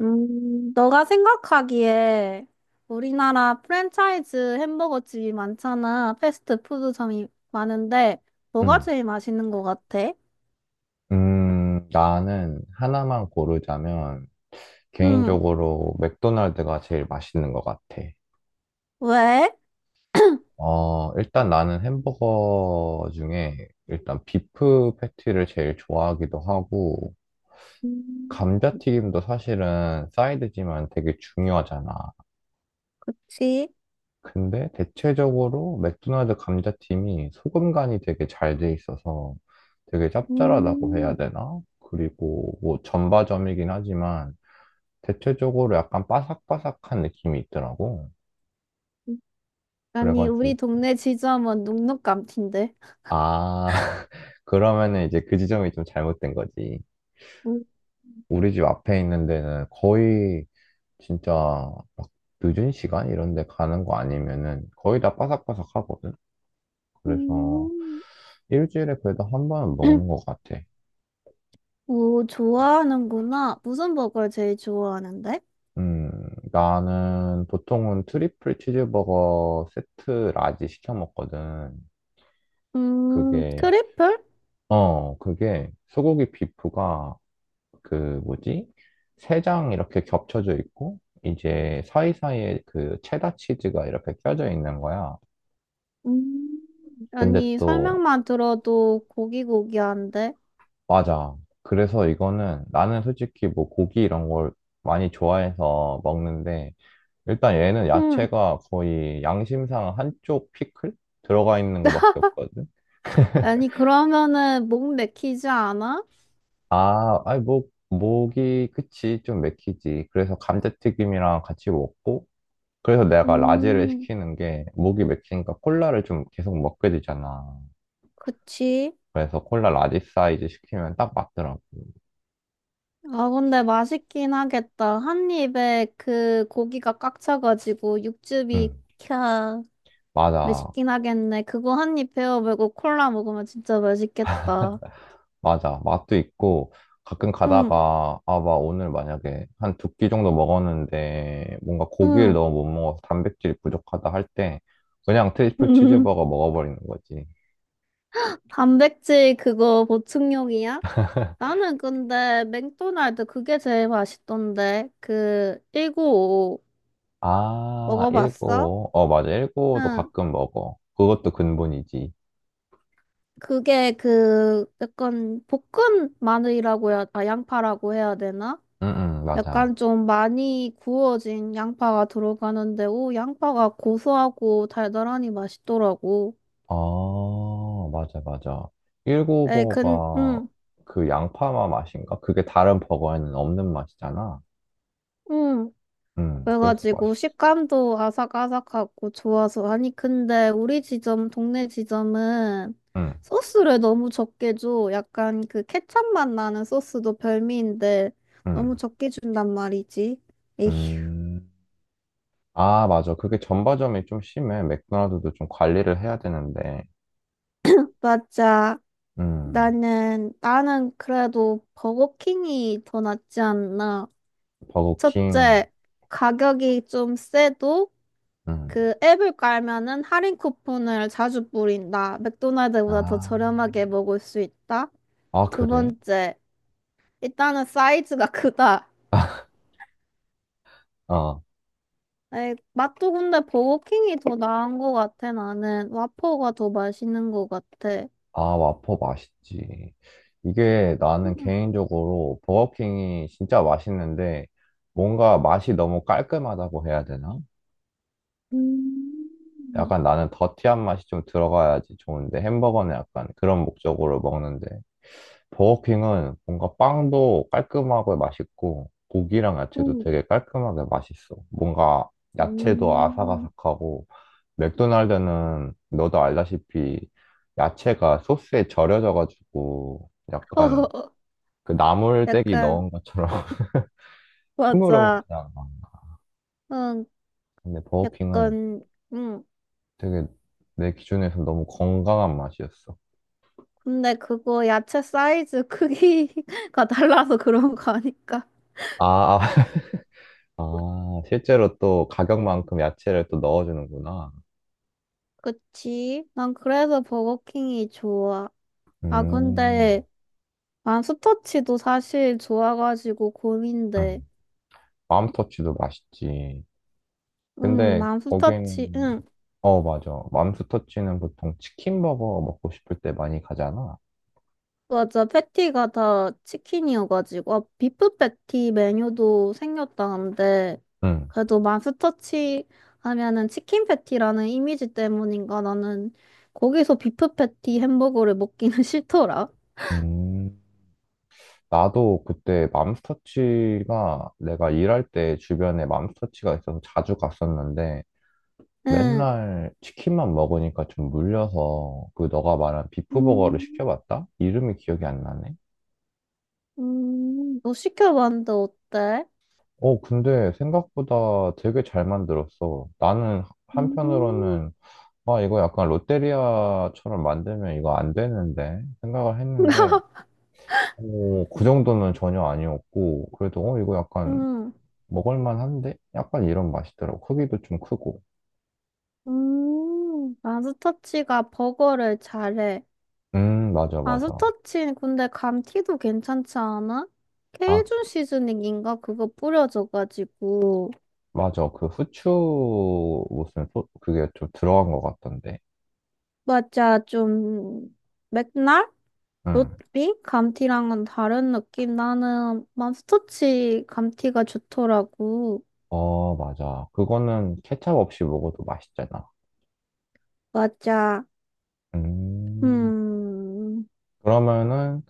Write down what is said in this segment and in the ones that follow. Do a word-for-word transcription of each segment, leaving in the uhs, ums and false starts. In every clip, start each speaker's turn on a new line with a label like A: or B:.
A: 음, 너가 생각하기에 우리나라 프랜차이즈 햄버거 집이 많잖아. 패스트푸드점이 많은데, 뭐가
B: 음,
A: 제일 맛있는 것 같아?
B: 음, 나는 하나만 고르자면
A: 응,
B: 개인적으로 맥도날드가 제일 맛있는 것 같아.
A: 왜?
B: 어, 일단 나는 햄버거 중에 일단 비프 패티를 제일 좋아하기도 하고
A: 음,
B: 감자튀김도 사실은 사이드지만 되게 중요하잖아.
A: 그치.
B: 근데 대체적으로 맥도날드 감자튀김이 소금 간이 되게 잘 돼 있어서 되게 짭짤하다고 해야
A: 음,
B: 되나? 그리고 뭐 전바점이긴 하지만 대체적으로 약간 바삭바삭한 느낌이 있더라고.
A: 아니, 우리
B: 그래가지고,
A: 동네 지점은 눅눅감틴데.
B: 아, 그러면은 이제 그 지점이 좀 잘못된 거지.
A: 음,
B: 우리 집 앞에 있는 데는 거의 진짜 막 늦은 시간 이런 데 가는 거 아니면은 거의 다 바삭바삭하거든. 그래서
A: 음.
B: 일주일에 그래도 한 번은 먹는 것 같아.
A: 오, 좋아하는구나. 무슨 버거를 제일 좋아하는데?
B: 음, 나는 보통은 트리플 치즈버거 세트 라지 시켜 먹거든.
A: 음,
B: 그게,
A: 트리플?
B: 어, 그게 소고기 비프가 그 뭐지? 세 장 이렇게 겹쳐져 있고 이제 사이사이에 그 체다 치즈가 이렇게 껴져 있는 거야.
A: 음,
B: 근데
A: 아니,
B: 또
A: 설명만 들어도 고기고기한데.
B: 맞아. 그래서 이거는 나는 솔직히 뭐 고기 이런 걸 많이 좋아해서 먹는데 일단 얘는
A: 응.
B: 야채가 거의 양심상 한쪽 피클 들어가 있는 거밖에 없거든.
A: 아니, 그러면은 목 맥히지 않아?
B: 아, 아니 뭐 목이 그치 좀 맥히지. 그래서 감자튀김이랑 같이 먹고 그래서 내가 라지를
A: 음,
B: 시키는 게 목이 맥히니까 콜라를 좀 계속 먹게 되잖아.
A: 그치.
B: 그래서 콜라 라지 사이즈 시키면 딱 맞더라고.
A: 아, 근데 맛있긴 하겠다. 한 입에 그 고기가 꽉 차가지고 육즙이
B: 음,
A: 캬.
B: 맞아.
A: 맛있긴 하겠네. 그거 한 입 베어 물고 콜라 먹으면 진짜 맛있겠다.
B: 맞아. 맛도 있고 가끔
A: 응,
B: 가다가 아, 막 오늘 만약에 한 두 끼 정도 먹었는데 뭔가 고기를
A: 응.
B: 너무 못 먹어서 단백질이 부족하다 할 때 그냥 트리플
A: 음.
B: 치즈버거 먹어버리는 거지.
A: 단백질 그거 보충용이야? 나는 근데 맥도날드 그게 제일 맛있던데. 그 일 구 오
B: 아,
A: 먹어봤어?
B: 일고. 어, 맞아. 일고도
A: 응.
B: 가끔 먹어. 그것도 근본이지.
A: 그게 그 약간 볶은 마늘이라고 해야, 아, 양파라고 해야 되나?
B: 응, 응, 맞아.
A: 약간 좀 많이 구워진 양파가 들어가는데, 오, 양파가 고소하고 달달하니 맛있더라고.
B: 아, 맞아, 맞아.
A: 에이, 근,
B: 일구 버가
A: 응,
B: 그 양파맛 맛인가? 그게 다른 버거에는 없는 맛이잖아.
A: 응.
B: 음, 그래서
A: 그래가지고
B: 맛있어.
A: 식감도 아삭아삭하고 좋아서. 아니, 근데 우리 지점, 동네 지점은
B: 음,
A: 소스를 너무 적게 줘. 약간 그 케첩 맛 나는 소스도 별미인데,
B: 음,
A: 너무 적게 준단 말이지. 에휴.
B: 음. 아, 맞아. 그게 전바점이 좀 심해. 맥도날드도 좀 관리를 해야 되는데.
A: 맞아.
B: 음,
A: 나는, 나는 그래도 버거킹이 더 낫지 않나.
B: 버거킹.
A: 첫째, 가격이 좀 세도
B: 음,
A: 그 앱을 깔면은 할인 쿠폰을 자주 뿌린다. 맥도날드보다 더
B: 아,
A: 저렴하게 먹을 수 있다.
B: 아,
A: 두
B: 그래?
A: 번째, 일단은 사이즈가 크다.
B: 어.
A: 에이, 맛도 근데 버거킹이 더 나은 것 같아, 나는. 와퍼가 더 맛있는 것 같아.
B: 아, 와퍼 맛있지. 이게 나는
A: 음,
B: 개인적으로 버거킹이 진짜 맛있는데 뭔가 맛이 너무 깔끔하다고 해야 되나?
A: 음,
B: 약간 나는 더티한 맛이 좀 들어가야지 좋은데 햄버거는 약간 그런 목적으로 먹는데 버거킹은 뭔가 빵도 깔끔하고 맛있고 고기랑 야채도
A: 음.
B: 되게 깔끔하게 맛있어. 뭔가 야채도
A: 음.
B: 아삭아삭하고 맥도날드는 너도 알다시피 야채가 소스에 절여져가지고 약간 그 나물떼기
A: 약간,
B: 넣은 것처럼
A: 맞아.
B: 흐물흐물하잖아.
A: 응,
B: 근데 버거킹은
A: 약간, 응.
B: 되게 내 기준에서 너무 건강한 맛이었어.
A: 근데 그거 야채 사이즈 크기가 달라서 그런 거 아닐까?
B: 아, 아, 아, 실제로 또 가격만큼 야채를 또 넣어주는구나.
A: 그치? 난 그래서 버거킹이 좋아. 아,
B: 음,
A: 근데 맘스터치도 사실 좋아가지고 고민돼.
B: 음. 맘스터치도 맛있지.
A: 응,
B: 근데
A: 맘스터치,
B: 거긴,
A: 응.
B: 어, 맞아. 맘스터치는 보통 치킨버거 먹고 싶을 때 많이 가잖아.
A: 맞아. 패티가 다 치킨이어가지고. 아, 비프 패티 메뉴도 생겼다는데.
B: 응,
A: 그래도 마스터치 하면은 치킨 패티라는 이미지 때문인가 나는 거기서 비프 패티 햄버거를 먹기는 싫더라.
B: 음. 나도 그때 맘스터치가 내가 일할 때 주변에 맘스터치가 있어서 자주 갔었는데
A: 응.
B: 맨날 치킨만 먹으니까 좀 물려서 그 너가 말한 비프버거를
A: 음,
B: 시켜봤다? 이름이 기억이 안 나네.
A: 음, 너 시켜봤는데 어때?
B: 어, 근데 생각보다 되게 잘 만들었어. 나는
A: 음,
B: 한편으로는, 아, 이거 약간 롯데리아처럼 만들면 이거 안 되는데 생각을 했는데, 어, 그 정도는 전혀 아니었고, 그래도, 어, 이거 약간
A: 음,
B: 먹을만한데? 약간 이런 맛이더라고. 크기도 좀 크고.
A: 음, 마스터치가 버거를 잘해.
B: 음, 맞아,
A: 아,
B: 맞아.
A: 스타친, 근데 감튀도 괜찮지 않아?
B: 아,
A: 케이준 시즈닝인가? 그거 뿌려져가지고.
B: 맞아. 그 후추, 무슨, 소, 그게 좀 들어간 것 같던데.
A: 맞아, 좀, 맥날?
B: 응.
A: 롯비? 감튀랑은 다른 느낌. 나는 맘스터치 감튀가 좋더라고.
B: 어, 맞아. 그거는 케찹 없이 먹어도 맛있잖아.
A: 맞아.
B: 음.
A: 음,
B: 그러면은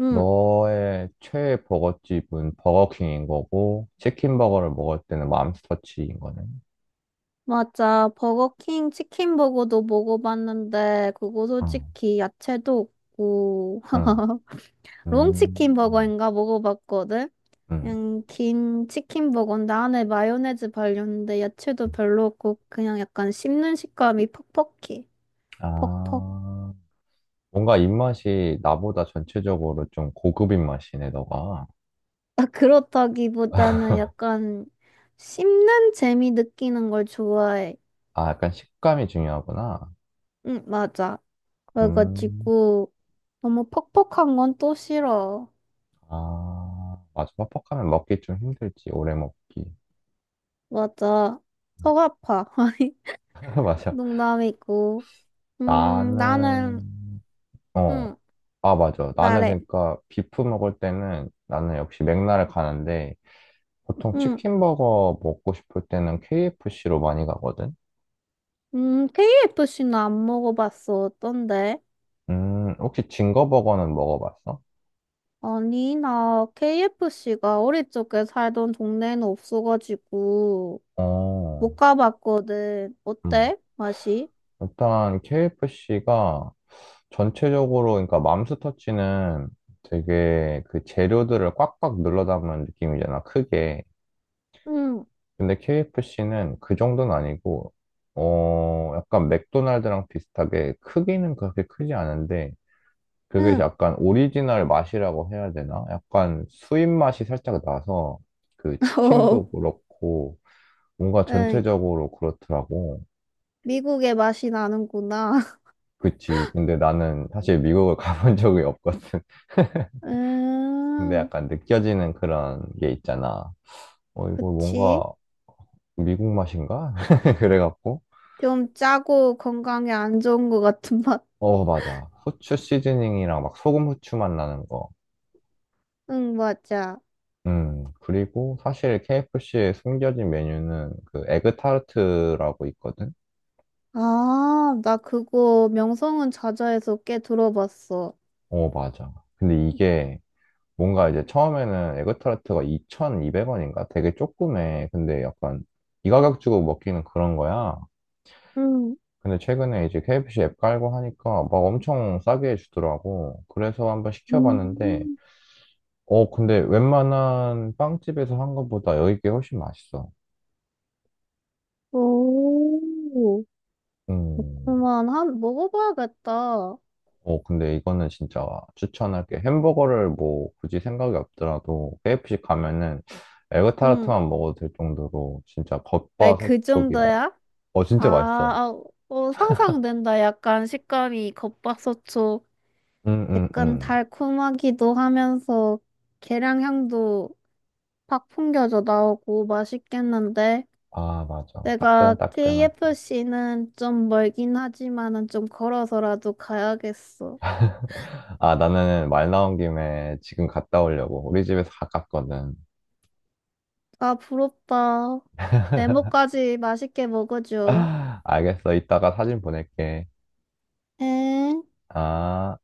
A: 음,
B: 너의 최애 버거집은 버거킹인 거고, 치킨버거를 먹을 때는 맘스터치인 거네.
A: 맞아. 버거킹 치킨버거도 먹어봤는데, 그거
B: 어,
A: 솔직히 야채도 없고.
B: 응, 음,
A: 롱치킨버거인가 먹어봤거든?
B: 음.
A: 그냥 긴 치킨 버거인데 안에 마요네즈 발렸는데 야채도 별로 없고 그냥 약간 씹는 식감이 퍽퍽해. 퍽퍽.
B: 아, 뭔가 입맛이 나보다 전체적으로 좀 고급인 맛이네, 너가.
A: 아, 그렇다기보다는 약간 씹는 재미 느끼는 걸 좋아해.
B: 아, 약간 식감이 중요하구나.
A: 응, 맞아.
B: 음,
A: 그래가지고 너무 퍽퍽한 건 또 싫어.
B: 아, 맞아. 퍽퍽하면 먹기 좀 힘들지, 오래 먹기.
A: 맞아. 속 아파. 아니,
B: 맞아.
A: 농담이고. 음, 나는,
B: 나는, 어.
A: 응,
B: 아, 맞아. 나는
A: 말해.
B: 그러니까 비프 먹을 때는 나는 역시 맥락을 가는데 보통
A: 응,
B: 치킨버거 먹고 싶을 때는 케이에프씨로 많이 가거든.
A: 음, 케이에프씨는 안 먹어봤어. 어떤데?
B: 음, 혹시 징거버거는 먹어봤어?
A: 아니, 나 케이에프씨가 어릴 적에 살던 동네에는 없어가지고
B: 어.
A: 못 가봤거든.
B: 음.
A: 어때? 맛이?
B: 일단 케이에프씨가 전체적으로 그러니까 맘스터치는 되게 그 재료들을 꽉꽉 눌러 담은 느낌이잖아, 크게.
A: 응,
B: 근데 케이에프씨는 그 정도는 아니고 어, 약간 맥도날드랑 비슷하게 크기는 그렇게 크지 않은데 그게
A: 응.
B: 약간 오리지널 맛이라고 해야 되나? 약간 수입 맛이 살짝 나서 그
A: 어,
B: 치킨도 그렇고 뭔가
A: 응.
B: 전체적으로 그렇더라고.
A: 미국의 맛이 나는구나.
B: 그치. 근데 나는 사실 미국을 가본 적이 없거든. 근데
A: 음,
B: 약간 느껴지는 그런 게 있잖아. 어, 이거 뭔가
A: 그치.
B: 미국 맛인가? 그래갖고.
A: 좀 짜고 건강에 안 좋은 것 같은 맛.
B: 어, 맞아. 후추 시즈닝이랑 막 소금 후추 맛 나는 거.
A: 응, 맞아.
B: 음, 그리고 사실 케이에프씨의 숨겨진 메뉴는 그 에그 타르트라고 있거든?
A: 아, 나 그거 명성은 자자에서 꽤 들어봤어.
B: 어, 맞아. 근데 이게 뭔가 이제 처음에는 에그타르트가 이천이백 원인가? 되게 조그매. 근데 약간 이 가격 주고 먹기는 그런 거야.
A: 응.
B: 근데 최근에 이제 케이에프씨 앱 깔고 하니까 막 엄청 싸게 해주더라고. 그래서 한번 시켜봤는데,
A: 음,
B: 어, 근데 웬만한 빵집에서 한 것보다 여기 게 훨씬 맛있어.
A: 오.
B: 음.
A: 그만 한 먹어봐야겠다.
B: 어, 근데 이거는 진짜 추천할게. 햄버거를 뭐 굳이 생각이 없더라도 케이에프씨 가면은
A: 응.
B: 에그타르트만 먹어도 될 정도로 진짜
A: 에, 그
B: 겉바속촉이야.
A: 정도야?
B: 어,
A: 아,
B: 진짜 맛있어.
A: 아, 어, 상상된다. 약간 식감이 겉바속촉,
B: 응, 응,
A: 약간
B: 응.
A: 달콤하기도 하면서 계량향도 팍 풍겨져 나오고 맛있겠는데.
B: 아, 맞아.
A: 내가
B: 따끈따끈하게.
A: 케이에프씨는 좀 멀긴 하지만은 좀 걸어서라도 가야겠어.
B: 아, 나는 말 나온 김에 지금 갔다 오려고. 우리 집에서 가깝거든.
A: 아, 부럽다. 네모까지 맛있게 먹어줘.
B: 알겠어. 이따가 사진 보낼게.
A: 엥?
B: 아.